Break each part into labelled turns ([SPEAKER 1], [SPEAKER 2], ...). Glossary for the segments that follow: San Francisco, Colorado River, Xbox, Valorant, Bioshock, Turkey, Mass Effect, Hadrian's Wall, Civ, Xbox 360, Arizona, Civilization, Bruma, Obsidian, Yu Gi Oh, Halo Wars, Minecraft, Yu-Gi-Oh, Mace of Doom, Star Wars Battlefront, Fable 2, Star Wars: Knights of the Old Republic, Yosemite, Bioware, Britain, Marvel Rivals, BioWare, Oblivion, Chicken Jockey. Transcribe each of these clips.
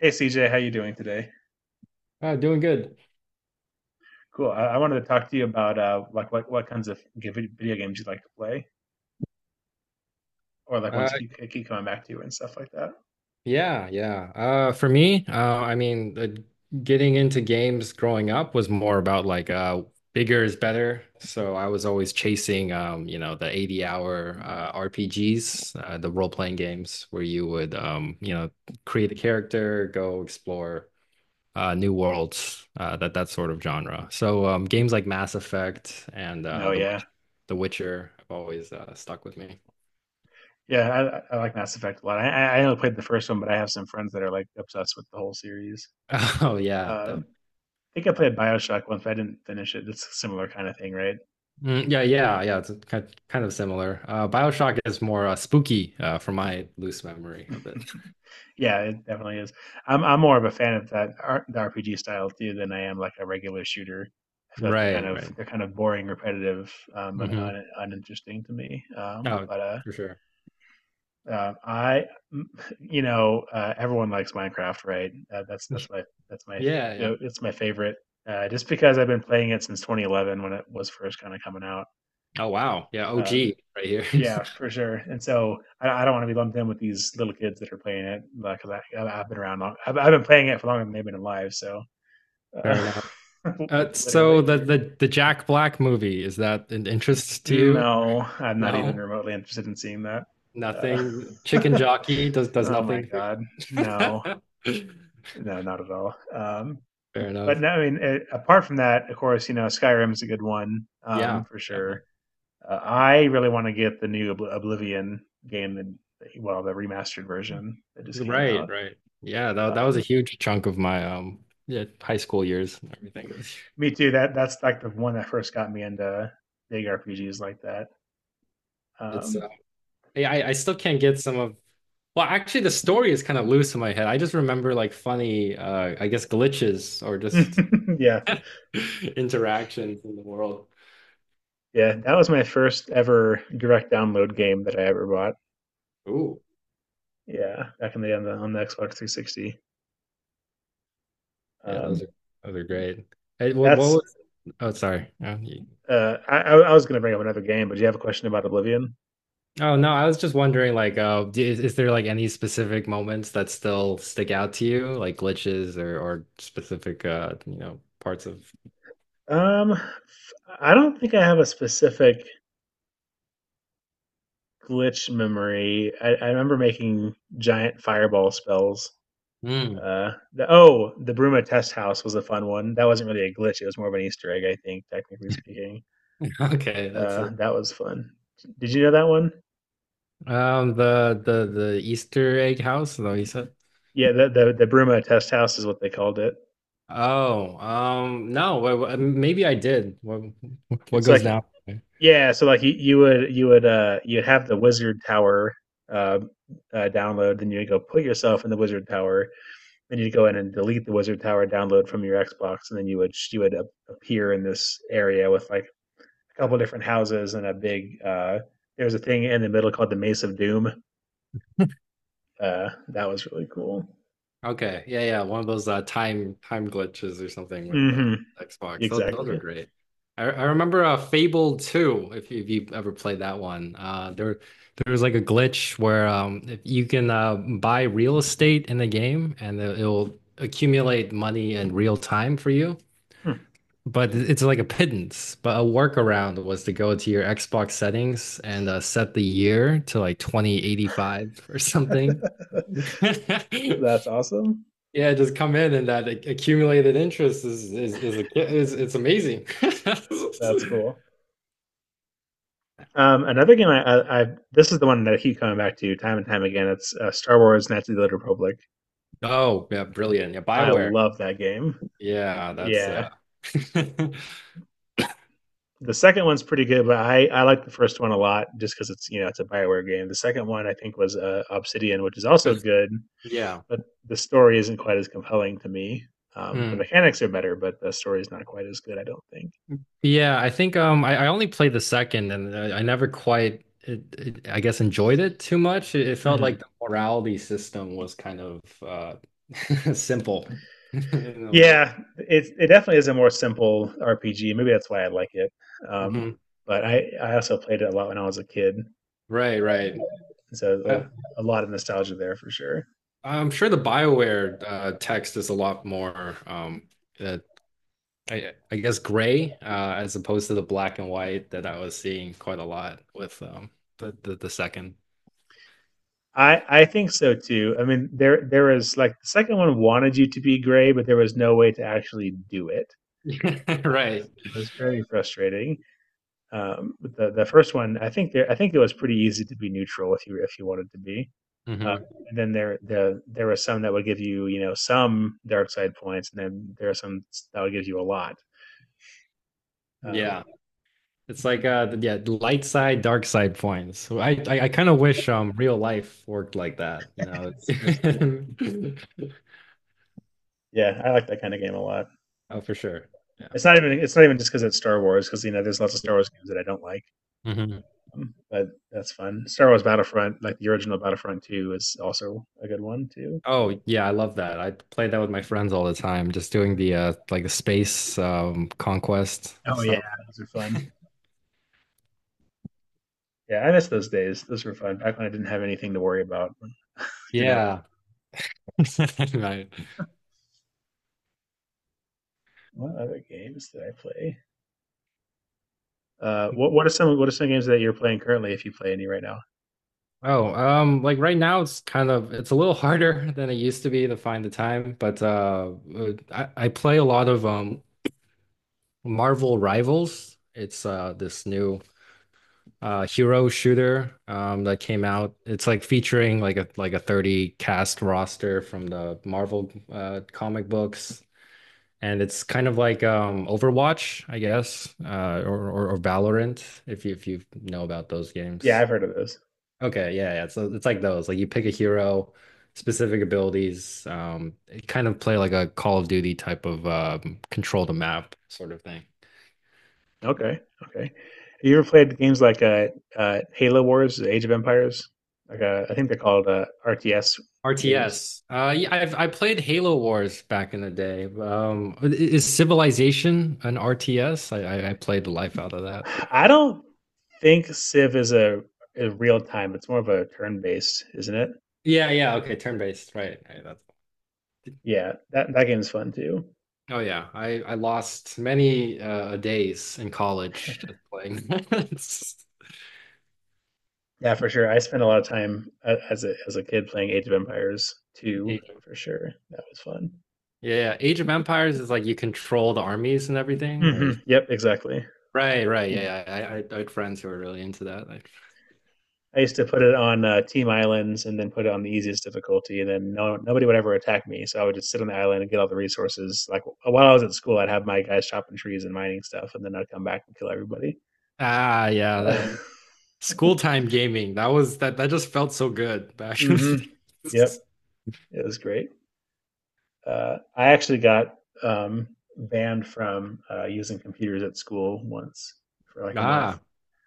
[SPEAKER 1] Hey CJ, how you doing today?
[SPEAKER 2] Doing good.
[SPEAKER 1] Cool. I wanted to talk to you about like what kinds of video games you like to play, or like
[SPEAKER 2] Uh,
[SPEAKER 1] ones you keep coming back to and stuff like that.
[SPEAKER 2] yeah, yeah. For me, I mean, getting into games growing up was more about like bigger is better. So I was always chasing, you know, the 80 hour RPGs, the role playing games where you would, you know, create a character, go explore new worlds, that sort of genre. So games like Mass Effect and
[SPEAKER 1] No, yeah,
[SPEAKER 2] The Witcher have always stuck with me.
[SPEAKER 1] yeah. I like Mass Effect a lot. I only played the first one, but I have some friends that are like obsessed with the whole series.
[SPEAKER 2] Oh yeah,
[SPEAKER 1] Um,
[SPEAKER 2] definitely.
[SPEAKER 1] think I played Bioshock once, but I didn't finish it. It's a similar kind of thing, right?
[SPEAKER 2] Yeah, yeah, yeah. It's kind of similar. BioShock is more spooky from my loose memory of it.
[SPEAKER 1] Yeah, it definitely is. I'm more of a fan of the RPG style too than I am like a regular shooter. I feel like they're kind
[SPEAKER 2] Right,
[SPEAKER 1] of
[SPEAKER 2] right.
[SPEAKER 1] they're kind of boring, repetitive, and
[SPEAKER 2] hmm
[SPEAKER 1] uninteresting to me.
[SPEAKER 2] Oh, for sure.
[SPEAKER 1] Uh, I, you know, everyone likes Minecraft, right? That's that's my that's my
[SPEAKER 2] Yeah, yeah.
[SPEAKER 1] go. It's my favorite. Just because I've been playing it since 2011 when it was first kind of coming out.
[SPEAKER 2] Oh, wow. Yeah,
[SPEAKER 1] Um,
[SPEAKER 2] OG right here.
[SPEAKER 1] Yeah, for sure. And so I don't want to be lumped in with these little kids that are playing it because I've been around long. I've been playing it for longer than they've been alive. So uh,
[SPEAKER 2] Fair enough. So
[SPEAKER 1] literally,
[SPEAKER 2] the Jack Black movie, is that an interest to you?
[SPEAKER 1] no, I'm not even
[SPEAKER 2] No,
[SPEAKER 1] remotely interested in seeing that. Uh,
[SPEAKER 2] nothing. Chicken Jockey does
[SPEAKER 1] oh my
[SPEAKER 2] nothing for
[SPEAKER 1] God, no,
[SPEAKER 2] you.
[SPEAKER 1] no, not at all.
[SPEAKER 2] Fair
[SPEAKER 1] But
[SPEAKER 2] enough.
[SPEAKER 1] no, I mean, it, apart from that, of course, you know, Skyrim's a good one,
[SPEAKER 2] Yeah.
[SPEAKER 1] for sure. I really want to get the new Oblivion game well, the remastered version that just came
[SPEAKER 2] Right,
[SPEAKER 1] out.
[SPEAKER 2] right. Yeah, that that was a
[SPEAKER 1] Um,
[SPEAKER 2] huge chunk of my yeah, high school years and everything.
[SPEAKER 1] me too. That's like the one that first got me into big RPGs like that.
[SPEAKER 2] It's
[SPEAKER 1] Um,
[SPEAKER 2] yeah, I still can't get some of well, actually the story is kind of loose in my head. I just remember like funny I guess glitches or just
[SPEAKER 1] yeah,
[SPEAKER 2] interactions in the world.
[SPEAKER 1] yeah, that was my first ever direct download game that I ever bought.
[SPEAKER 2] Ooh.
[SPEAKER 1] Yeah, back in the on the, on the Xbox 360.
[SPEAKER 2] Yeah, those
[SPEAKER 1] Um,
[SPEAKER 2] are those are great. Hey, what
[SPEAKER 1] that's
[SPEAKER 2] was oh sorry.
[SPEAKER 1] I was going to bring up another game, but do you have a question about Oblivion?
[SPEAKER 2] Oh no, I was just wondering, like, is there like any specific moments that still stick out to you, like glitches or specific, you know, parts of?
[SPEAKER 1] I don't think I have a specific glitch memory. I remember making giant fireball spells.
[SPEAKER 2] Mm.
[SPEAKER 1] Oh, the Bruma test house was a fun one. That wasn't really a glitch. It was more of an Easter egg, I think, technically speaking.
[SPEAKER 2] Okay, that's it.
[SPEAKER 1] That was fun. Did you know that one?
[SPEAKER 2] The Easter egg house, though you said.
[SPEAKER 1] Yeah, the Bruma test house is what they called it.
[SPEAKER 2] Oh, no, maybe I did. What
[SPEAKER 1] It's
[SPEAKER 2] goes
[SPEAKER 1] like
[SPEAKER 2] down?
[SPEAKER 1] yeah, so like you'd have the wizard tower uh, download, then you would go put yourself in the wizard tower. Then you'd go in and delete the Wizard Tower download from your Xbox, and then you would appear in this area with like a couple different houses and a big. There's a thing in the middle called the Mace of Doom. That was really cool.
[SPEAKER 2] Okay. Yeah, yeah. One of those time glitches or something with the
[SPEAKER 1] hmm
[SPEAKER 2] Xbox. Those are
[SPEAKER 1] Exactly.
[SPEAKER 2] great. I remember Fable 2, if you've ever played that one. There there was like a glitch where if you can buy real estate in the game and it'll accumulate money in real time for you.
[SPEAKER 1] Hmm.
[SPEAKER 2] But it's like a pittance. But a workaround was to go to your Xbox settings and set the year to like 2085 or something.
[SPEAKER 1] That's awesome.
[SPEAKER 2] Yeah, just come in and that accumulated interest is a, is it's amazing.
[SPEAKER 1] That's cool. Another game I this is the one that I keep coming back to time and time again. It's Star Wars: Knights of the Old Republic.
[SPEAKER 2] Oh, yeah, brilliant. Yeah,
[SPEAKER 1] I
[SPEAKER 2] BioWare.
[SPEAKER 1] love that game.
[SPEAKER 2] Yeah, that's
[SPEAKER 1] Yeah,
[SPEAKER 2] that's-
[SPEAKER 1] the second one's pretty good, but I like the first one a lot just because it's you know it's a Bioware game. The second one I think was Obsidian, which is also good,
[SPEAKER 2] yeah.
[SPEAKER 1] but the story isn't quite as compelling to me. The
[SPEAKER 2] Mm.
[SPEAKER 1] mechanics are better, but the story is not quite as good. I don't think.
[SPEAKER 2] Yeah, I think I only played the second and I never quite I guess enjoyed it too much. It felt
[SPEAKER 1] Hmm.
[SPEAKER 2] like the morality system was kind of simple in a way.
[SPEAKER 1] Yeah, it definitely is a more simple RPG. Maybe that's why I like it. Um,
[SPEAKER 2] Mhm.
[SPEAKER 1] but I also played it a lot when I was a kid,
[SPEAKER 2] Right, right. I,
[SPEAKER 1] so a lot of nostalgia there for sure.
[SPEAKER 2] I'm sure the BioWare text is a lot more, uh, I guess, gray as opposed to the black and white that I was seeing quite a lot with the second.
[SPEAKER 1] I think so too. I mean, there was like the second one wanted you to be gray, but there was no way to actually do it.
[SPEAKER 2] Right.
[SPEAKER 1] It was very frustrating. But the first one, I think there I think it was pretty easy to be neutral if you wanted to be. Uh,
[SPEAKER 2] hmm
[SPEAKER 1] and then there were some that would give you you know some dark side points, and then there are some that would give you a lot. Um,
[SPEAKER 2] Yeah. It's like yeah, light side, dark side points. So I kind of wish real life worked like that, you know.
[SPEAKER 1] yeah, I like that kind of game a lot.
[SPEAKER 2] Oh, for sure. Yeah.
[SPEAKER 1] It's not even just because it's Star Wars because you know there's lots of Star Wars games that I don't like,
[SPEAKER 2] Mhm.
[SPEAKER 1] but that's fun. Star Wars Battlefront, like the original Battlefront Two, is also a good one too.
[SPEAKER 2] Oh yeah, I love that. I play that with my friends all the time, just doing the like the space conquest
[SPEAKER 1] Oh yeah,
[SPEAKER 2] stuff.
[SPEAKER 1] those are fun. Yeah, I miss those days. Those were fun back when I didn't have anything to worry about. Didn't have
[SPEAKER 2] Yeah. Right.
[SPEAKER 1] what other games did I play? What are some games that you're playing currently if you play any right now?
[SPEAKER 2] Oh, like right now it's kind of it's a little harder than it used to be to find the time, but I play a lot of Marvel Rivals. It's this new hero shooter that came out. It's like featuring like a 30 cast roster from the Marvel comic books. And it's kind of like Overwatch, I guess, or Valorant, if you know about those
[SPEAKER 1] Yeah,
[SPEAKER 2] games.
[SPEAKER 1] I've heard of those.
[SPEAKER 2] Okay, yeah, yeah. So it's like those. Like you pick a hero, specific abilities. It kind of play like a Call of Duty type of control the map sort of thing.
[SPEAKER 1] Okay, okay. You ever played games like Halo Wars, the Age of Empires? Like I think they're called RTS games.
[SPEAKER 2] RTS. Yeah, I played Halo Wars back in the day. Is Civilization an RTS? I played the life out of that.
[SPEAKER 1] I don't think Civ is a real time. It's more of a turn based, isn't it?
[SPEAKER 2] Yeah, yeah. Okay, turn based. Right, right. That's.
[SPEAKER 1] Yeah, that that game's fun too.
[SPEAKER 2] Oh yeah, I lost many days in college just playing.
[SPEAKER 1] Yeah, for sure. I spent a lot of time as a kid playing Age of Empires 2,
[SPEAKER 2] Yeah,
[SPEAKER 1] for sure. That was fun.
[SPEAKER 2] yeah. Age of Empires is like you control the armies and everything, or
[SPEAKER 1] Yep, exactly.
[SPEAKER 2] right, right. Yeah, I had friends who were really into that. Like,
[SPEAKER 1] I used to put it on team islands and then put it on the easiest difficulty, and then no nobody would ever attack me. So I would just sit on the island and get all the resources. Like while I was at school, I'd have my guys chopping trees and mining stuff, and then I'd come back and kill everybody.
[SPEAKER 2] ah, yeah,
[SPEAKER 1] Uh,
[SPEAKER 2] that school time gaming. That was that that just felt so good back in
[SPEAKER 1] hmm
[SPEAKER 2] the
[SPEAKER 1] Yep,
[SPEAKER 2] days.
[SPEAKER 1] it was great. I actually got um, banned from using computers at school once for like a month.
[SPEAKER 2] Ah,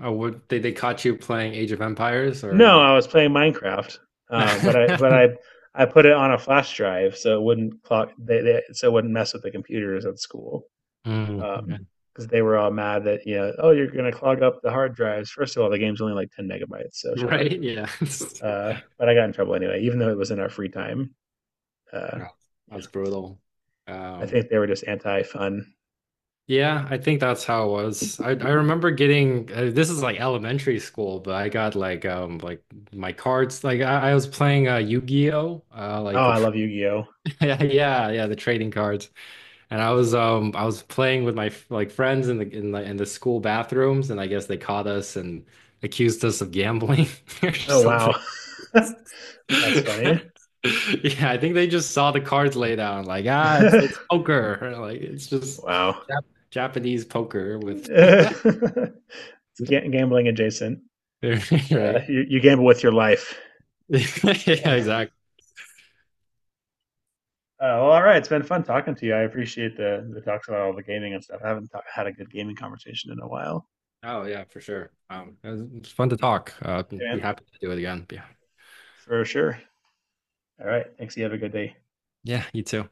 [SPEAKER 2] oh, what they caught you playing Age of Empires
[SPEAKER 1] No,
[SPEAKER 2] or?
[SPEAKER 1] I was playing Minecraft, but
[SPEAKER 2] Mm,
[SPEAKER 1] I put it on a flash drive so it wouldn't clock they so it wouldn't mess with the computers at school
[SPEAKER 2] yeah.
[SPEAKER 1] because they were all mad that you know oh you're gonna clog up the hard drives. First of all, the game's only like 10 megabytes, so shut up.
[SPEAKER 2] Right, yeah.
[SPEAKER 1] But I got in trouble anyway, even though it was in our free time. Uh,
[SPEAKER 2] Yeah,
[SPEAKER 1] yeah,
[SPEAKER 2] that's brutal.
[SPEAKER 1] I
[SPEAKER 2] Um.
[SPEAKER 1] think they were just anti fun.
[SPEAKER 2] Yeah, I think that's how it was. I remember getting this is like elementary school, but I got like my cards like I was playing Yu-Gi-Oh like
[SPEAKER 1] Oh,
[SPEAKER 2] the
[SPEAKER 1] I
[SPEAKER 2] tr
[SPEAKER 1] love Yu Gi Oh.
[SPEAKER 2] yeah yeah yeah the trading cards and I was playing with my like friends in the school bathrooms and I guess they caught us and accused us of gambling or
[SPEAKER 1] Oh
[SPEAKER 2] something.
[SPEAKER 1] wow, that's funny.
[SPEAKER 2] Yeah, I think they just saw the cards laid out and like ah it's poker like it's just
[SPEAKER 1] wow,
[SPEAKER 2] Jap Japanese poker with.
[SPEAKER 1] it's gambling adjacent.
[SPEAKER 2] Right?
[SPEAKER 1] You gamble with your life.
[SPEAKER 2] Yeah,
[SPEAKER 1] Uh,
[SPEAKER 2] exactly.
[SPEAKER 1] well, all right. It's been fun talking to you. I appreciate the talks about all the gaming and stuff. I haven't had a good gaming conversation in a while.
[SPEAKER 2] Oh yeah, for sure. It was fun to talk.
[SPEAKER 1] Yeah,
[SPEAKER 2] Be
[SPEAKER 1] man,
[SPEAKER 2] happy to do it again. Yeah.
[SPEAKER 1] for sure. All right. Thanks. You have a good day.
[SPEAKER 2] Yeah, you too.